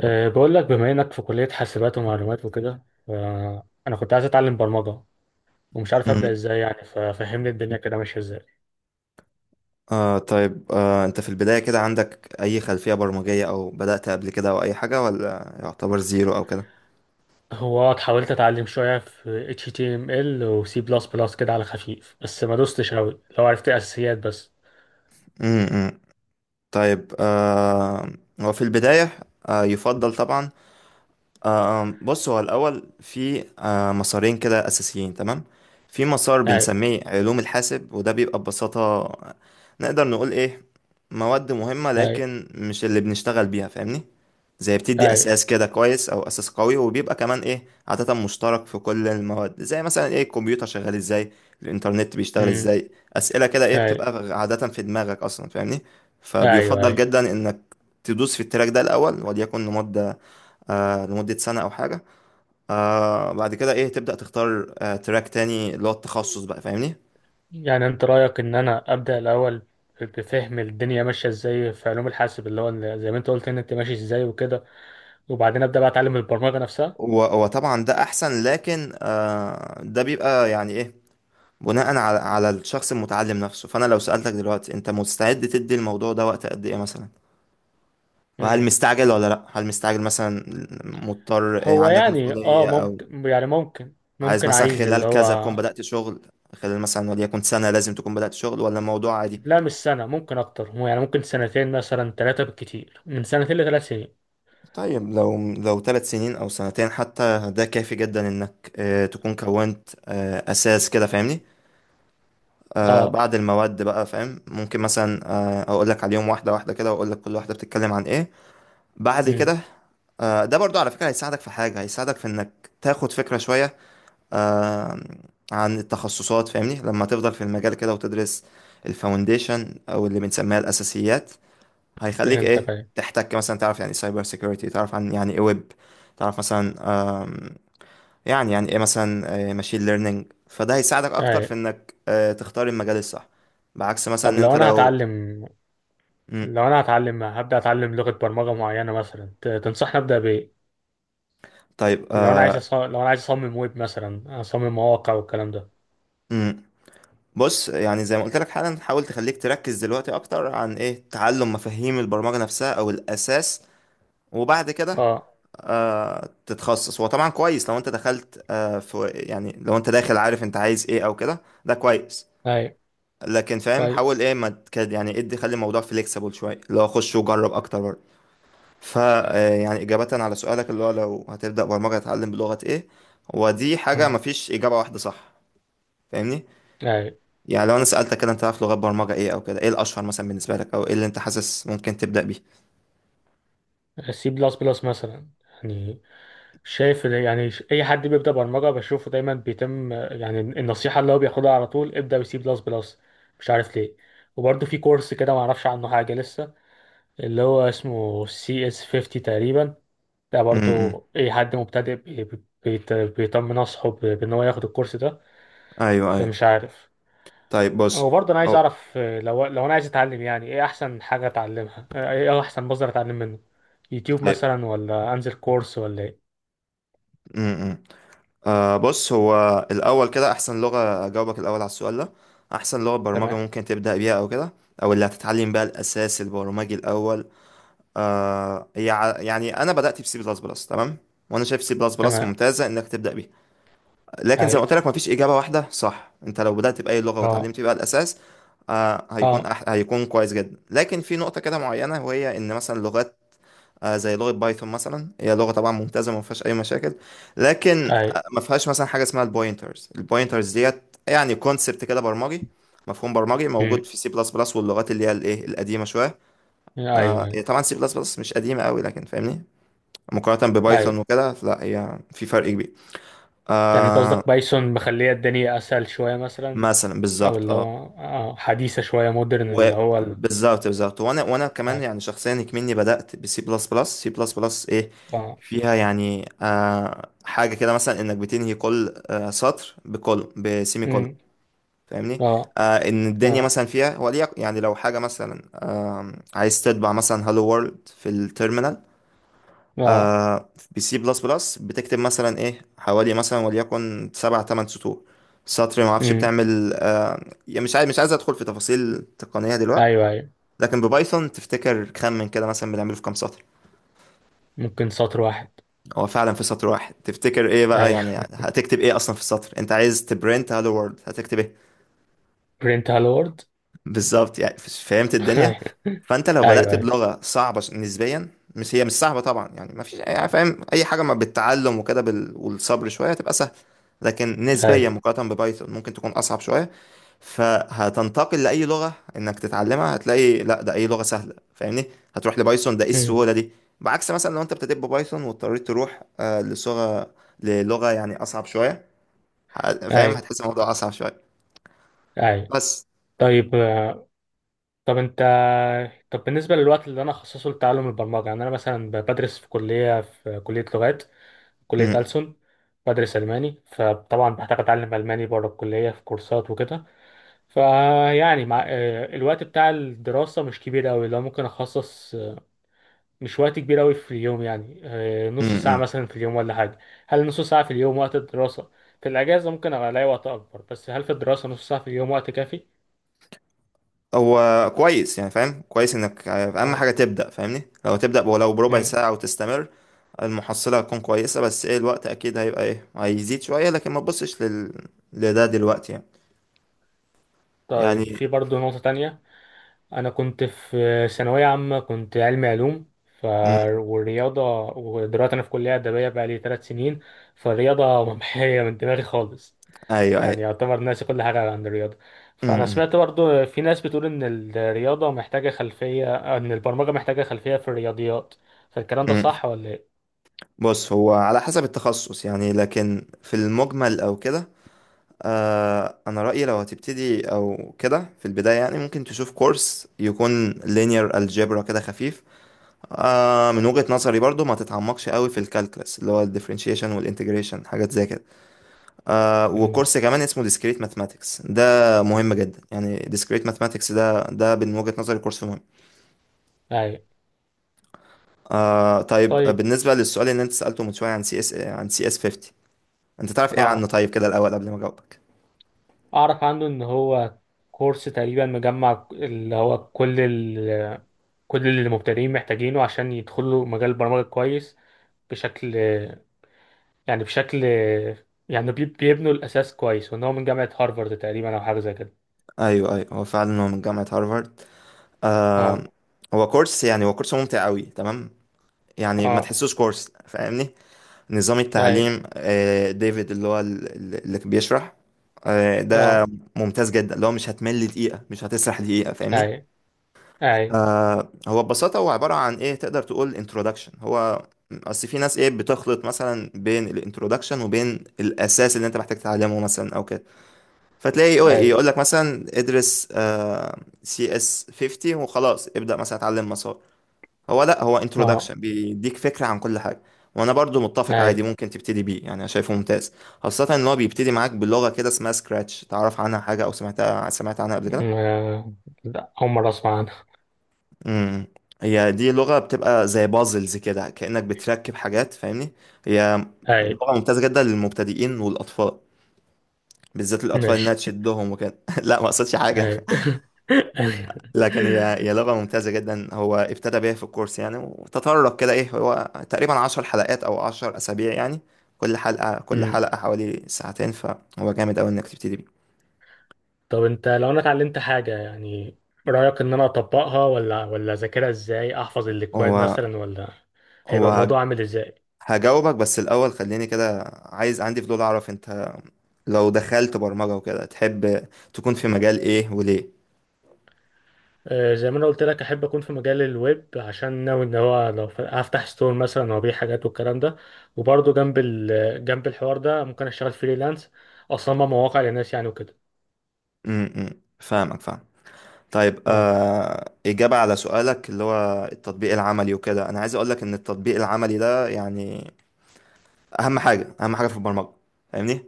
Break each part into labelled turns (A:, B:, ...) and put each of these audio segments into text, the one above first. A: بقول لك بما انك في كلية حاسبات ومعلومات وكده، انا كنت عايز اتعلم برمجة، ومش عارف ابدا
B: مم.
A: ازاي، يعني ففهمني الدنيا كده ماشية ازاي.
B: طيب انت في البداية كده عندك اي خلفية برمجية او بدأت قبل كده او اي حاجة، ولا يعتبر زيرو او كده؟
A: هو حاولت اتعلم شوية في HTML و C++ كده على خفيف، بس ما دوستش قوي، لو عرفت اساسيات بس.
B: مم، مم. طيب هو في البداية يفضل طبعا. بص، هو الأول في مسارين كده أساسيين تمام. في مسار
A: اي،
B: بنسميه علوم الحاسب، وده بيبقى ببساطة نقدر نقول إيه، مواد مهمة
A: اي،
B: لكن مش اللي بنشتغل بيها فاهمني. زي بتدي
A: اي،
B: أساس كده كويس أو أساس قوي، وبيبقى كمان إيه عادة مشترك في كل المواد، زي مثلا إيه الكمبيوتر شغال إزاي، الإنترنت بيشتغل
A: امم،
B: إزاي، أسئلة كده إيه
A: اي،
B: بتبقى عادة في دماغك أصلا فاهمني.
A: ايوه،
B: فبيفضل
A: اي.
B: جدا إنك تدوس في التراك ده الأول وليكن مدة، لمدة سنة أو حاجة. بعد كده إيه تبدأ تختار تراك تاني اللي هو التخصص بقى فاهمني.
A: يعني انت رأيك ان انا ابدا الاول، بفهم الدنيا ماشية ازاي في علوم الحاسب، اللي هو زي ما انت قلت ان انت ماشي ازاي وكده، وبعدين ابدا بقى اتعلم البرمجة نفسها.
B: وطبعا ده أحسن، لكن ده بيبقى يعني إيه، بناء على الشخص المتعلم نفسه. فأنا لو سألتك دلوقتي، أنت مستعد تدي الموضوع ده وقت قد إيه مثلا؟ وهل مستعجل ولا لأ؟ هل مستعجل مثلا؟ مضطر إيه،
A: هو
B: عندك
A: يعني
B: مسؤولية؟ أو
A: ممكن، يعني ممكن
B: عايز
A: ممكن
B: مثلا
A: عايز اللي
B: خلال كذا
A: هو،
B: تكون بدأت شغل، خلال مثلا وليكن سنة لازم تكون بدأت شغل، ولا الموضوع عادي؟
A: لا مش سنة، ممكن أكتر، هو يعني ممكن سنتين مثلا، ثلاثة بالكتير، من سنتين لثلاث سنين.
B: طيب لو 3 سنين او سنتين حتى، ده كافي جدا انك تكون كونت اساس كده فاهمني.
A: اه.
B: بعد المواد بقى فاهم، ممكن مثلا اقول لك عليهم واحده واحده كده، واقول لك كل واحده بتتكلم عن ايه بعد
A: امم.
B: كده. ده برضو على فكره هيساعدك في حاجه، هيساعدك في انك تاخد فكره شويه آه، عن التخصصات فاهمني، لما تفضل في المجال كده وتدرس الفاونديشن او اللي بنسميها الاساسيات. هيخليك
A: فهمتك،
B: ايه
A: أيوة،
B: تحتك مثلا تعرف يعني سايبر سيكيورتي، تعرف عن يعني ايه ويب، تعرف مثلا آم، يعني ايه مثلا ماشين ليرنينج، فده هيساعدك اكتر في
A: أيوة.
B: انك تختار المجال الصح، بعكس مثلا
A: طب
B: ان
A: لو
B: انت
A: أنا
B: لو.
A: هتعلم،
B: مم.
A: هبدأ أتعلم لغة برمجة معينة مثلا، تنصحني أبدأ بإيه؟
B: طيب
A: لو أنا عايز أصمم ويب مثلا، أصمم مواقع والكلام ده.
B: مم. بص، يعني زي ما قلت لك حالا، حاول تخليك تركز دلوقتي اكتر عن ايه تعلم مفاهيم البرمجة نفسها او الاساس، وبعد كده
A: اه،
B: تتخصص. هو طبعا كويس لو انت دخلت في، يعني لو انت داخل عارف انت عايز ايه او كده، ده كويس.
A: أيوة،
B: لكن فاهم،
A: طيب،
B: حاول ايه ما تكاد، يعني ادي خلي الموضوع فليكسيبل شويه اللي هو خش وجرب اكتر برضه. ف يعني اجابه على سؤالك اللي هو لو هتبدا برمجه هتتعلم بلغه ايه، هو دي حاجه
A: امم،
B: مفيش اجابه واحده صح فاهمني.
A: أيوة.
B: يعني لو انا سالتك كده انت عارف لغات برمجه ايه او كده، ايه الاشهر مثلا بالنسبه لك او ايه اللي انت حاسس ممكن تبدا بيه؟
A: سي بلس بلس مثلا، يعني شايف إن، يعني اي حد بيبدا برمجه بشوفه دايما بيتم، يعني النصيحه اللي هو بياخدها على طول، ابدا بسي بلس بلس. مش عارف ليه. وبرده في كورس كده ما اعرفش عنه حاجه لسه، اللي هو اسمه سي اس 50 تقريبا. ده
B: امم،
A: برضو اي حد مبتدئ بيطمن اصحه بان هو ياخد الكورس ده.
B: ايوه، ايوه.
A: فمش عارف.
B: طيب بص.
A: وبرضه انا عايز
B: او
A: اعرف، لو انا عايز اتعلم، يعني ايه احسن حاجه اتعلمها، ايه احسن مصدر اتعلم منه؟ يوتيوب
B: طيب.
A: مثلا، ولا انزل كورس، ولا ايه؟
B: امم. بص، هو الأول كده أحسن لغة أجاوبك الأول على السؤال ده، أحسن لغة برمجة
A: تمام.
B: ممكن تبدأ بيها أو كده، أو اللي هتتعلم بقى الأساس البرمجي الأول. يعني أنا بدأت بسي بلس بلس تمام. وأنا شايف سي بلس بلس
A: تمام.
B: ممتازة إنك تبدأ بيها. لكن زي ما قلت
A: هاي.
B: لك مفيش إجابة واحدة صح، أنت لو بدأت بأي لغة
A: اه.
B: وتعلمت بيها الأساس
A: اه.
B: هيكون كويس جدا. لكن في نقطة كده معينة، وهي إن مثلا لغات زي لغة بايثون مثلا، هي لغة طبعا ممتازة ما فيهاش أي مشاكل. لكن
A: ايوه.
B: ما فيهاش مثلا حاجة اسمها البوينترز، البوينترز ديت يعني كونسبت كده برمجي، مفهوم برمجي موجود
A: امم.
B: في سي بلس بلس واللغات اللي هي الايه القديمة شوية.
A: ايوه. ايوه.
B: هي طبعا سي بلس بلس مش قديمة قوي لكن فاهمني، مقارنة ببايثون
A: ايوه.
B: وكده لا، هي في فرق كبير.
A: يعني انت قصدك بايثون مخليه الدنيا اسهل شويه مثلا،
B: مثلا
A: او
B: بالظبط
A: اللي هو
B: اه.
A: اه حديثه شويه، مودرن، اللي هو
B: وبالظبط بالظبط، وانا كمان
A: ايوه.
B: يعني شخصيا كمني بدات بسي بلس بلس. سي بلس بلس ايه
A: اه.
B: فيها، يعني حاجه كده مثلا انك بتنهي كل سطر بكل بسيمي كول
A: امم.
B: فاهمني.
A: اه.
B: ان الدنيا
A: اه.
B: مثلا فيها وليك، يعني لو حاجه مثلا عايز تطبع مثلا هالو وورلد في التيرمينال
A: اه.
B: آه بسي بلس بلس بتكتب مثلا ايه حوالي مثلا وليكن سبع تمن سطور، سطر ما اعرفش
A: امم.
B: بتعمل يعني مش عايز ادخل في تفاصيل تقنيه دلوقتي.
A: ايوه. ايوه.
B: لكن ببايثون تفتكر خمن كده مثلا بنعمله في كام سطر؟
A: ممكن سطر واحد.
B: هو فعلا في سطر واحد. تفتكر ايه بقى، يعني
A: ايوه
B: هتكتب ايه اصلا في السطر، انت عايز تبرنت هالو وورلد هتكتب ايه؟
A: برنت هالو وورد
B: بالظبط يعني فهمت الدنيا.
A: ايوه،
B: فانت لو بدأت
A: ايوه،
B: بلغة صعبة نسبيا، مش صعبة طبعا، يعني ما فيش، يعني فاهم اي حاجة ما بالتعلم وكده والصبر شوية هتبقى سهل، لكن نسبيا
A: ايوه.
B: مقارنة ببايثون ممكن تكون اصعب شوية. فهتنتقل لأي لغة إنك تتعلمها هتلاقي لأ ده أي لغة سهلة فاهمني، هتروح لبايثون ده إيه
A: امم.
B: السهولة دي. بعكس مثلا لو أنت ابتديت ببايثون واضطريت تروح للغة يعني أصعب شوية، فاهم
A: ايوه،
B: هتحس الموضوع أصعب شوية
A: ايوه.
B: بس.
A: طيب. طب انت طب بالنسبه للوقت اللي انا اخصصه لتعلم البرمجه، يعني انا مثلا بدرس في كليه لغات، كلية
B: م
A: ألسن. بدرس ألماني، فطبعا بحتاج أتعلم ألماني بره الكلية في كورسات وكده. فيعني مع الوقت بتاع الدراسة مش كبير أوي، لو ممكن أخصص، مش وقت كبير أوي في اليوم، يعني نص
B: -م
A: ساعة
B: -م.
A: مثلا في اليوم ولا حاجة. هل نص ساعة في اليوم وقت الدراسة؟ في الأجازة ممكن أبقى ألاقي وقت أكبر، بس هل في الدراسة نص ساعة في اليوم وقت كافي؟
B: هو كويس، يعني فاهم كويس إنك أهم حاجة
A: اه.
B: تبدأ فاهمني، لو تبدأ ولو بربع
A: مم.
B: ساعة وتستمر المحصلة هتكون كويسة. بس إيه، الوقت أكيد هيبقى إيه هيزيد شوية، لكن ما تبصش لده دلوقتي يعني. يعني
A: طيب، في برضه نقطة تانية. انا كنت في ثانويه عامه، كنت علمي علوم ف
B: م،
A: والرياضه. ودلوقتي انا في كليه ادبيه بقى لي 3 سنين. فالرياضه ممحيه من دماغي خالص.
B: أيوه،
A: يعني
B: أيوه.
A: يعتبر ناسي كل حاجه عن الرياضه.
B: امم،
A: فانا
B: امم.
A: سمعت برضو في ناس بتقول ان الرياضه محتاجه خلفيه ان البرمجه محتاجه خلفيه في الرياضيات. فالكلام ده
B: امم.
A: صح ولا ايه؟
B: بص، هو على حسب التخصص يعني، لكن في المجمل او كده انا رأيي لو هتبتدي او كده في البداية، يعني ممكن تشوف كورس يكون linear algebra كده خفيف. من وجهة نظري برضو ما تتعمقش قوي في الكالكلس اللي هو الديفرنشيشن والانتجريشن، حاجات زي كده.
A: مم.
B: وكورس كمان اسمه discrete mathematics ده مهم جدا، يعني discrete mathematics ده من وجهة نظري كورس مهم.
A: ايوه.
B: طيب
A: طيب.
B: بالنسبة للسؤال اللي انت سألته من شوية عن سي اس عن سي اس 50، انت تعرف ايه عنه
A: اه،
B: طيب كده الاول قبل ما اجاوبك؟
A: اعرف عنه ان هو كورس تقريبا مجمع، اللي هو كل اللي مبتدئين محتاجينه عشان يدخلوا مجال البرمجة كويس. بشكل يعني بشكل بيبنوا الأساس كويس، وإن هو من جامعة هارفارد تقريبا أو حاجة زي كده.
B: ايوه، ايوه. هو فعلا هو من جامعة هارفارد. آه
A: اه.
B: هو كورس، يعني هو كورس ممتع قوي تمام. يعني ما
A: اه.
B: تحسوش كورس فاهمني. نظام
A: أي.
B: التعليم، ديفيد اللي هو اللي بيشرح ده،
A: اه.
B: ممتاز جدا اللي هو مش هتمل دقيقة مش هتسرح دقيقة فاهمني.
A: أي. أي.
B: هو ببساطة هو عبارة عن ايه، تقدر تقول انترودكشن. هو اصل في ناس ايه بتخلط مثلا بين الانترودكشن وبين الاساس اللي انت محتاج تتعلمه مثلا او كده، فتلاقي
A: أي.
B: يقول لك مثلا ادرس سي اس 50 وخلاص، ابدأ مثلا اتعلم مسار. هو لا، هو
A: اه.
B: انترودكشن بيديك فكرة عن كل حاجة. وانا برضو متفق، عادي
A: أي.
B: ممكن تبتدي بيه، يعني انا شايفه ممتاز. خاصة ان هو بيبتدي معاك بلغة كده اسمها سكراتش، تعرف عنها حاجة او سمعت عنها قبل
A: م-
B: كده؟
A: آه، لا، أول مرة أسمع عنها.
B: امم. هي دي لغة بتبقى زي بازلز كده، كأنك بتركب حاجات فاهمني. هي
A: أي.
B: لغة ممتازة جدا للمبتدئين والاطفال، بالذات الاطفال انها
A: ماشي.
B: تشدهم وكده لا ما قصدش حاجة.
A: أي
B: لكن هي لغة ممتازة جدا، هو ابتدى بيها في الكورس يعني. وتطرق كده ايه، هو تقريبا 10 حلقات او 10 اسابيع يعني، كل حلقة
A: أي.
B: حوالي ساعتين، فهو جامد اوي انك تبتدي بيه.
A: طب انت، لو انا اتعلمت حاجة يعني، رأيك ان انا اطبقها، ولا اذاكرها؟ ازاي احفظ الاكواد
B: هو
A: مثلا، ولا
B: هو
A: هيبقى
B: هج-
A: الموضوع عامل ازاي؟
B: هجاوبك، بس الاول خليني كده، عايز عندي فضول اعرف انت لو دخلت برمجة وكده تحب تكون في مجال ايه وليه؟
A: زي ما انا قلت لك، احب اكون في مجال الويب، عشان ناوي ان هو، لو هفتح ستور مثلا، وابيع حاجات والكلام ده. وبرضه جنب جنب الحوار ده ممكن اشتغل فريلانس، اصمم مواقع للناس يعني وكده.
B: امم، فاهمك، فاهم. طيب
A: اي.
B: إجابة على سؤالك اللي هو التطبيق العملي وكده، أنا عايز أقولك إن التطبيق العملي ده يعني اهم حاجه، اهم حاجه في البرمجه فاهمني.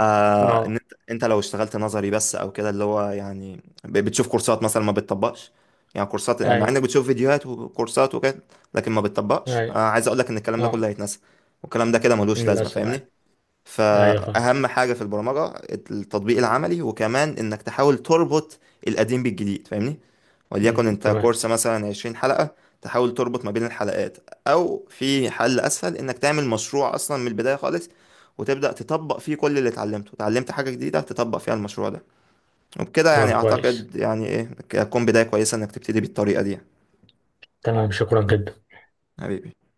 B: ان
A: اه.
B: انت، لو اشتغلت نظري بس او كده اللي هو يعني بتشوف كورسات مثلا ما بتطبقش، يعني كورسات، يعني مع
A: اي.
B: انك بتشوف فيديوهات وكورسات وكده لكن ما بتطبقش،
A: اي.
B: عايز اقول لك ان الكلام ده
A: اه.
B: كله هيتنسى، والكلام ده كده ملوش لازمه
A: للاسف اي.
B: فاهمني.
A: ايوه فاهم.
B: فأهم حاجة في البرمجة التطبيق العملي، وكمان إنك تحاول تربط القديم بالجديد فاهمني. وليكن
A: مم.
B: أنت
A: تمام.
B: كورس مثلا 20 حلقة، تحاول تربط ما بين الحلقات، أو في حل أسهل إنك تعمل مشروع أصلا من البداية خالص وتبدأ تطبق فيه كل اللي اتعلمته، اتعلمت حاجة جديدة تطبق فيها المشروع ده. وبكده
A: تمام.
B: يعني
A: كويس.
B: أعتقد يعني إيه هتكون بداية كويسة إنك تبتدي بالطريقة دي يعني.
A: تمام. شكرا جدا.
B: حبيبي.